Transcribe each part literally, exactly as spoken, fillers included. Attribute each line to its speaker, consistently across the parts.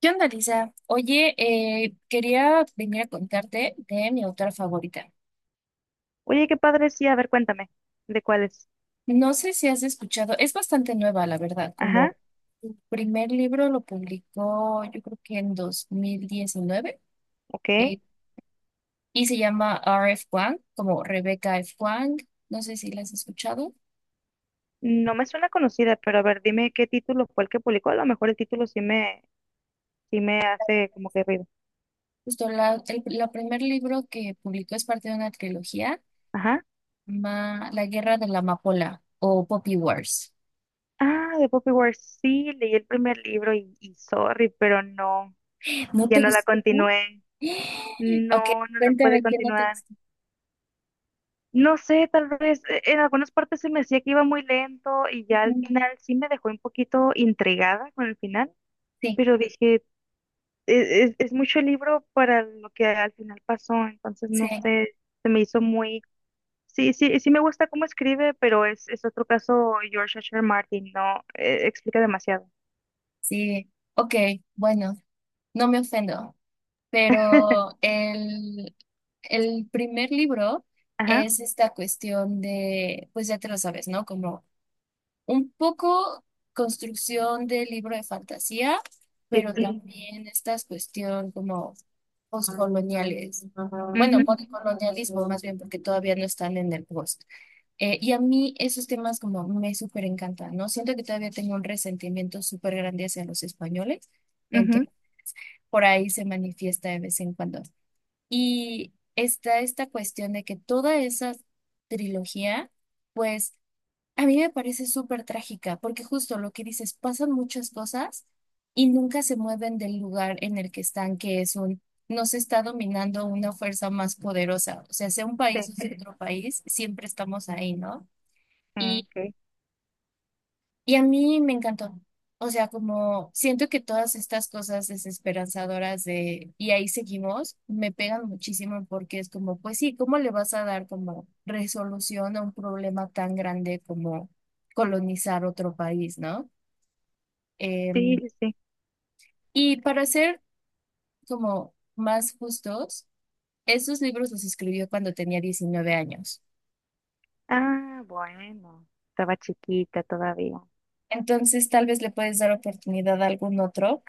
Speaker 1: ¿Qué onda, Lisa? Oye, eh, quería venir a contarte de mi autora favorita.
Speaker 2: Oye, qué padre, sí, a ver, cuéntame, ¿de cuáles?
Speaker 1: No sé si has escuchado, es bastante nueva, la verdad,
Speaker 2: Ajá,
Speaker 1: como su primer libro lo publicó yo creo que en dos mil diecinueve
Speaker 2: ok.
Speaker 1: eh, y se llama R F. Wang, como Rebecca F. Wang, no sé si la has escuchado.
Speaker 2: No me suena conocida, pero a ver, dime qué título fue el que publicó. A lo mejor el título sí me, sí me hace como que ruido.
Speaker 1: Justo la, el la primer libro que publicó es parte de una trilogía,
Speaker 2: Ajá.
Speaker 1: ma- La Guerra de la Amapola o Poppy Wars.
Speaker 2: Ah, de Poppy Wars, sí, leí el primer libro y, y sorry, pero no,
Speaker 1: ¿No
Speaker 2: ya
Speaker 1: te
Speaker 2: no la
Speaker 1: gustó?
Speaker 2: continué.
Speaker 1: Ok,
Speaker 2: No, no lo puede
Speaker 1: cuéntame qué no te
Speaker 2: continuar.
Speaker 1: gustó.
Speaker 2: No sé, tal vez eh, en algunas partes se me decía que iba muy lento y ya al
Speaker 1: Ujú,
Speaker 2: final sí me dejó un poquito intrigada con el final,
Speaker 1: sí,
Speaker 2: pero dije, es, es- es mucho libro para lo que al final pasó, entonces
Speaker 1: sí,
Speaker 2: no sé, se me hizo muy... Sí, sí, sí me gusta cómo escribe, pero es, es otro caso George H. R. Martin, no, eh, explica demasiado.
Speaker 1: sí. Ok, bueno, no me ofendo, pero el, el primer libro
Speaker 2: Ajá,
Speaker 1: es esta cuestión de, pues ya te lo sabes, ¿no? Como un poco construcción del libro de fantasía,
Speaker 2: sí,
Speaker 1: pero
Speaker 2: sí,
Speaker 1: Ujú.
Speaker 2: sí.
Speaker 1: También estas cuestión como postcoloniales.
Speaker 2: Ujú,
Speaker 1: Bueno,
Speaker 2: ujú,
Speaker 1: postcolonialismo más bien, porque todavía no están en el post. Eh, y a mí esos temas como me súper encantan, ¿no? Siento que todavía tengo un resentimiento súper grande hacia los españoles,
Speaker 2: ujú,
Speaker 1: entonces por ahí se manifiesta de vez en cuando. Y está esta cuestión de que toda esa trilogía, pues a mí me parece súper trágica, porque justo lo que dices, pasan muchas cosas y nunca se mueven del lugar en el que están, que es un... Nos está dominando una fuerza más poderosa. O sea, sea un país
Speaker 2: sí,
Speaker 1: o sea otro país, siempre estamos ahí, ¿no?
Speaker 2: ah, ok.
Speaker 1: Y a mí me encantó. O sea, como siento que todas estas cosas desesperanzadoras de y ahí seguimos, me pegan muchísimo porque es como, pues sí, ¿cómo le vas a dar como resolución a un problema tan grande como colonizar otro país, ¿no? Em,
Speaker 2: Sí, sí, sí.
Speaker 1: y para ser como más justos, esos libros los escribió cuando tenía diecinueve años.
Speaker 2: Ah, bueno, estaba chiquita todavía.
Speaker 1: Entonces, tal vez le puedes dar oportunidad a algún otro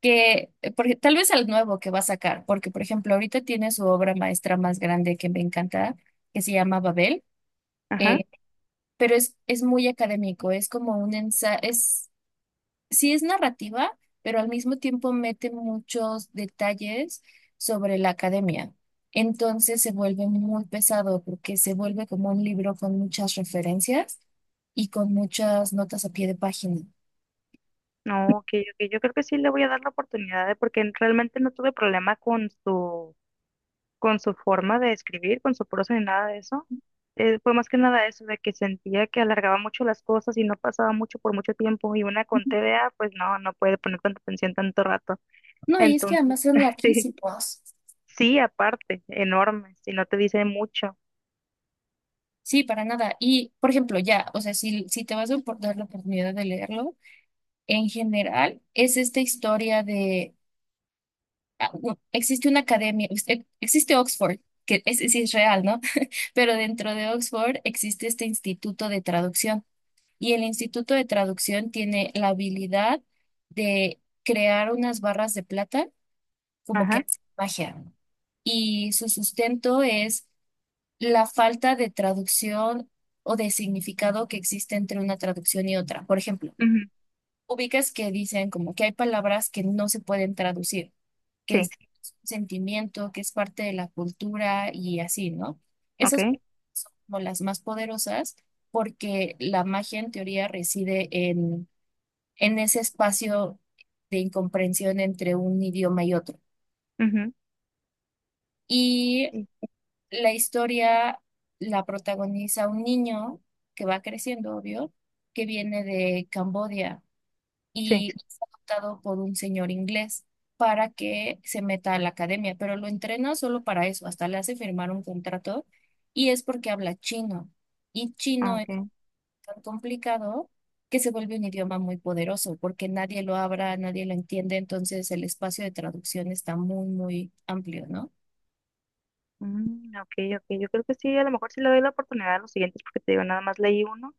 Speaker 1: que, eh, porque, tal vez al nuevo que va a sacar, porque por ejemplo ahorita tiene su obra maestra más grande que me encanta, que se llama Babel,
Speaker 2: Ajá,
Speaker 1: eh, pero es, es muy académico, es como un ensayo, es, sí es narrativa, pero al mismo tiempo mete muchos detalles sobre la academia. Entonces se vuelve muy pesado porque se vuelve como un libro con muchas referencias y con muchas notas a pie de página.
Speaker 2: no, ok, ok, yo creo que sí le voy a dar la oportunidad, ¿eh? Porque realmente no tuve problema con su con su forma de escribir, con su prosa ni nada de eso. Eh, fue más que nada eso, de que sentía que alargaba mucho las cosas y no pasaba mucho por mucho tiempo. Y una con
Speaker 1: Ujú.
Speaker 2: T D A, pues no, no puede poner tanta atención tanto rato.
Speaker 1: No, y es que
Speaker 2: Entonces,
Speaker 1: además son
Speaker 2: sí,
Speaker 1: larguísimos.
Speaker 2: sí, aparte, enorme, si no te dice mucho.
Speaker 1: Sí, para nada. Y, por ejemplo, ya, o sea, si, si te vas a por- dar la oportunidad de leerlo, en general es esta historia de, ah, u- existe una academia, ex- ex- existe Oxford, que es, sí es real, ¿no? Pero dentro de Oxford existe este instituto de traducción y el instituto de traducción tiene la habilidad de crear unas barras de plata como que
Speaker 2: Ajá,
Speaker 1: hace magia, ¿no? Y su sustento es la falta de traducción o de significado que existe entre una traducción y otra. Por ejemplo,
Speaker 2: ujú,
Speaker 1: ubicas que dicen como que hay palabras que no se pueden traducir, que es
Speaker 2: sí,
Speaker 1: un sentimiento, que es parte de la cultura y así, ¿no?
Speaker 2: ok,
Speaker 1: Esas son como las más poderosas porque la magia en teoría reside en, en ese espacio de incomprensión entre un idioma y otro.
Speaker 2: ujú,
Speaker 1: Y
Speaker 2: sí,
Speaker 1: la historia la protagoniza un niño que va creciendo, obvio, que viene de Camboya
Speaker 2: sí,
Speaker 1: y es adoptado por un señor inglés para que se meta a la academia, pero lo entrena solo para eso, hasta le hace firmar un contrato y es porque habla chino. Y chino es
Speaker 2: ok,
Speaker 1: tan complicado que se vuelve un idioma muy poderoso porque nadie lo habla, nadie lo entiende, entonces el espacio de traducción está muy, muy amplio, ¿no?
Speaker 2: mm, ok, ok. Yo creo que sí, a lo mejor sí le doy la oportunidad a los siguientes, porque te digo, nada más leí uno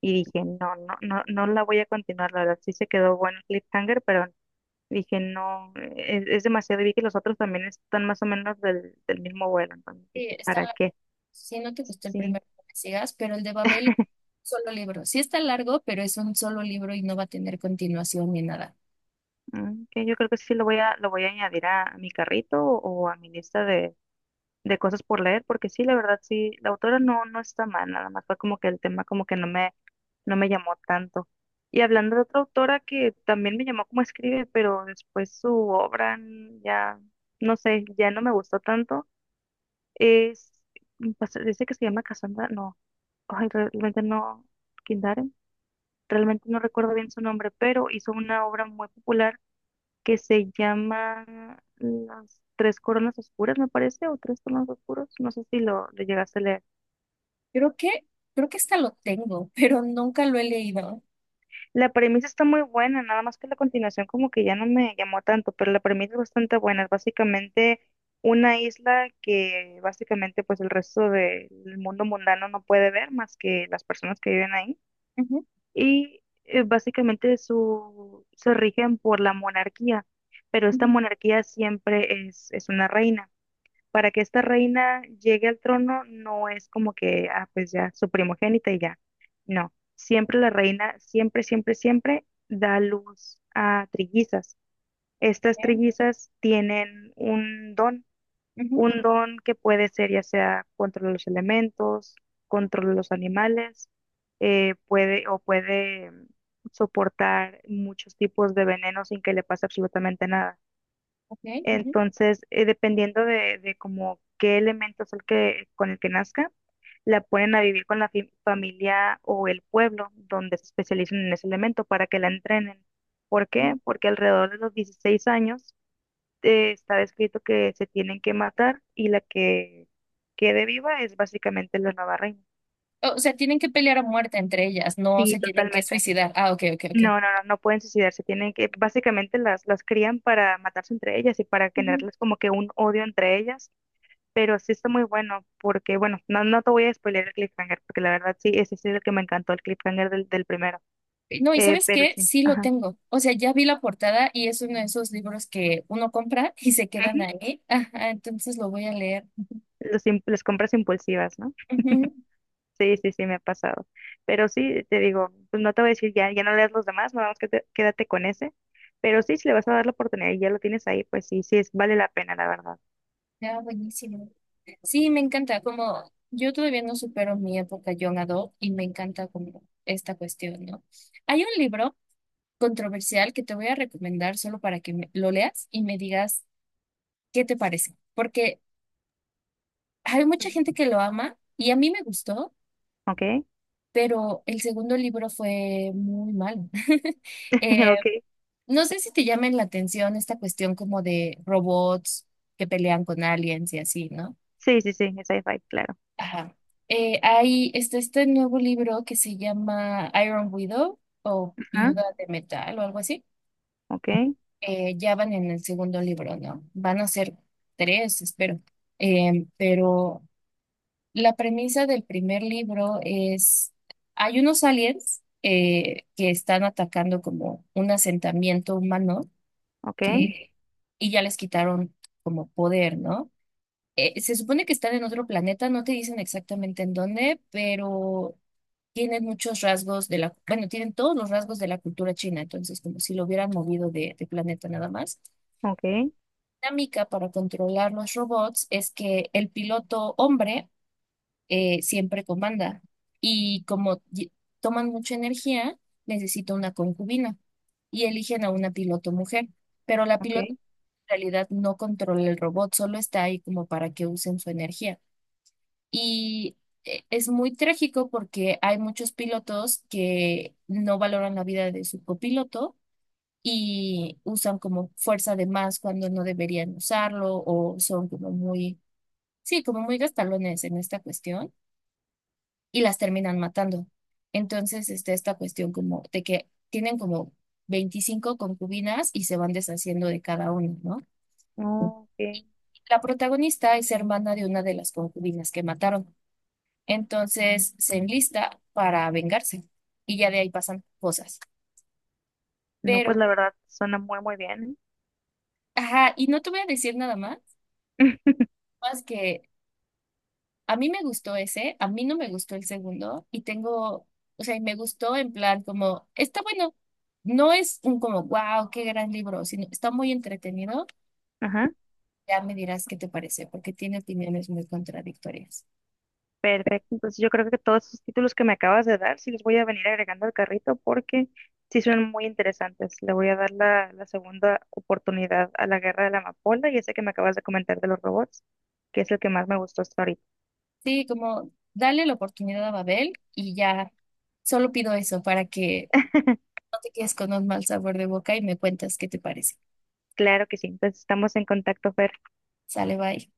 Speaker 2: y dije, no, no, no, no la voy a continuar, la verdad, sí se quedó bueno el cliffhanger, pero dije, no, es, es demasiado. Y vi que los otros también están más o menos del, del mismo vuelo. Entonces
Speaker 1: Sí,
Speaker 2: dije,
Speaker 1: están.
Speaker 2: ¿para qué?
Speaker 1: Si no te gustó el
Speaker 2: Sí,
Speaker 1: primero, no me sigas, pero el de Babel es un solo libro. Sí está largo, pero es un solo libro y no va a tener continuación ni nada.
Speaker 2: mm, que yo creo que sí lo voy a, lo voy a añadir a, a mi carrito o, a mi lista de, de cosas por leer, porque sí, la verdad, sí, la autora no, no está mal, nada más fue como que el tema como que no me, no me llamó tanto. Y hablando de otra autora que también me llamó como escribe, pero después su obra mm, ya, no sé, ya no me gustó tanto, es, pues, dice que se llama Cassandra, no. Ay, realmente no, Kindaren, realmente no recuerdo bien su nombre, pero hizo una obra muy popular que se llama Las Tres Coronas Oscuras, me parece, o Tres Coronas Oscuros, no sé si lo, lo llegaste a leer.
Speaker 1: Creo que, creo que esta lo tengo, pero nunca lo he leído.
Speaker 2: La premisa está muy buena, nada más que la continuación como que ya no me llamó tanto, pero la premisa es bastante buena, es básicamente una isla que básicamente pues el resto del mundo mundano no puede ver más que las personas que viven ahí
Speaker 1: Ujú,
Speaker 2: y eh, básicamente su, se rigen por la monarquía, pero esta
Speaker 1: ujú,
Speaker 2: monarquía siempre es, es una reina. Para que esta reina llegue al trono no es como que, ah, pues ya, su primogénita y ya. No, siempre la reina, siempre, siempre, siempre da luz a trillizas. Estas trillizas tienen un don
Speaker 1: ujú,
Speaker 2: un don que puede ser ya sea control de los elementos, control de los animales, eh, puede o puede mm, soportar muchos tipos de veneno sin que le pase absolutamente nada.
Speaker 1: ok, ujú,
Speaker 2: Entonces, eh, dependiendo de, de como qué elemento es el que, con el que nazca, la ponen a vivir con la fi- familia o el pueblo donde se especializan en ese elemento para que la entrenen. ¿Por
Speaker 1: ujú.
Speaker 2: qué? Porque alrededor de los dieciséis años eh, está escrito que se tienen que matar y la que quede viva es básicamente la nueva reina.
Speaker 1: O sea, tienen que pelear a muerte entre ellas, no
Speaker 2: Sí,
Speaker 1: se tienen que
Speaker 2: totalmente.
Speaker 1: suicidar. Ah, ok, ok, ok.
Speaker 2: No, no, no, no pueden suicidarse, tienen que, básicamente las, las crían para matarse entre ellas y para
Speaker 1: Ujú.
Speaker 2: generarles como que un odio entre ellas, pero sí está muy bueno, porque bueno, no, no te voy a spoiler el cliffhanger, porque la verdad sí, ese sí es el que me encantó, el cliffhanger del, del primero,
Speaker 1: No, y
Speaker 2: eh,
Speaker 1: ¿sabes
Speaker 2: pero
Speaker 1: qué?
Speaker 2: sí,
Speaker 1: Sí lo
Speaker 2: ajá,
Speaker 1: tengo. O sea, ya vi la portada y es uno de esos libros que uno compra y se
Speaker 2: ujú,
Speaker 1: quedan ahí. Ajá, entonces lo voy a leer.
Speaker 2: los im- las compras impulsivas, ¿no?
Speaker 1: Ujú.
Speaker 2: Sí, sí, sí, me ha pasado. Pero sí, te digo, pues no te voy a decir ya, ya no leas los demás, nada más que te- quédate con ese. Pero sí, si le vas a dar la oportunidad y ya lo tienes ahí, pues sí, sí, es, vale la pena, la verdad.
Speaker 1: Ya, buenísimo. Sí, me encanta, como yo todavía no supero mi época young adult y me encanta como esta cuestión, ¿no? Hay un libro controversial que te voy a recomendar solo para que me- lo leas y me digas qué te parece, porque hay
Speaker 2: Ujú.
Speaker 1: mucha gente que lo ama y a mí me gustó,
Speaker 2: ¿Ok?
Speaker 1: pero el segundo libro fue muy malo. Eh,
Speaker 2: ¿Ok?
Speaker 1: no sé si te llamen la atención esta cuestión como de robots que pelean con aliens y así, ¿no?
Speaker 2: Sí, sí, sí, es sci-fi, claro.
Speaker 1: Ajá. Eh, hay este, este, nuevo libro que se llama Iron Widow o
Speaker 2: Ajá,
Speaker 1: Viuda de Metal o algo así.
Speaker 2: ok,
Speaker 1: Eh, ya van en el segundo libro, ¿no? Van a ser tres, espero. Eh, pero la premisa del primer libro es, hay unos aliens eh, que están atacando como un asentamiento humano
Speaker 2: ok,
Speaker 1: que, y ya les quitaron como poder, ¿no? eh, se supone que están en otro planeta, no te dicen exactamente en dónde, pero tienen muchos rasgos de la, bueno, tienen todos los rasgos de la cultura china, entonces como si lo hubieran movido de, de planeta nada más.
Speaker 2: ok,
Speaker 1: La dinámica para controlar los robots es que el piloto hombre eh, siempre comanda y como lle- toman mucha energía, necesita una concubina y eligen a una piloto mujer, pero la
Speaker 2: ok,
Speaker 1: piloto en realidad no controla el robot, solo está ahí como para que usen su energía. Y eh, es muy trágico porque hay muchos pilotos que no valoran la vida de su copiloto y usan como fuerza de más cuando no deberían usarlo o son como muy, sí, como muy gastalones en esta cuestión y las terminan matando. Entonces está esta cuestión como de que tienen como veinticinco concubinas y se van deshaciendo de cada uno, ¿no?
Speaker 2: ok.
Speaker 1: La protagonista es hermana de una de las concubinas que mataron. Entonces se enlista para vengarse y ya de ahí pasan cosas.
Speaker 2: No, pues
Speaker 1: Pero,
Speaker 2: la verdad suena muy, muy bien.
Speaker 1: ajá, y no te voy a decir nada más, más que a mí me gustó ese, a mí no me gustó el segundo y tengo, o sea, y me gustó en plan como, está bueno, no es un como, wow, qué gran libro, sino está muy entretenido.
Speaker 2: Ajá.
Speaker 1: Ya me dirás qué te parece, porque tiene opiniones muy contradictorias.
Speaker 2: Perfecto, entonces yo creo que todos esos títulos que me acabas de dar, sí los voy a venir agregando al carrito porque sí son muy interesantes. Le voy a dar la, la segunda oportunidad a la Guerra de la Amapola y ese que me acabas de comentar de los robots, que es el que más me gustó hasta ahorita.
Speaker 1: Sí, como, dale la oportunidad a Babel y ya, solo pido eso para que no te quedes con un mal sabor de boca y me cuentas qué te parece.
Speaker 2: Claro que sí, entonces estamos en contacto, Fer.
Speaker 1: Sale, bye.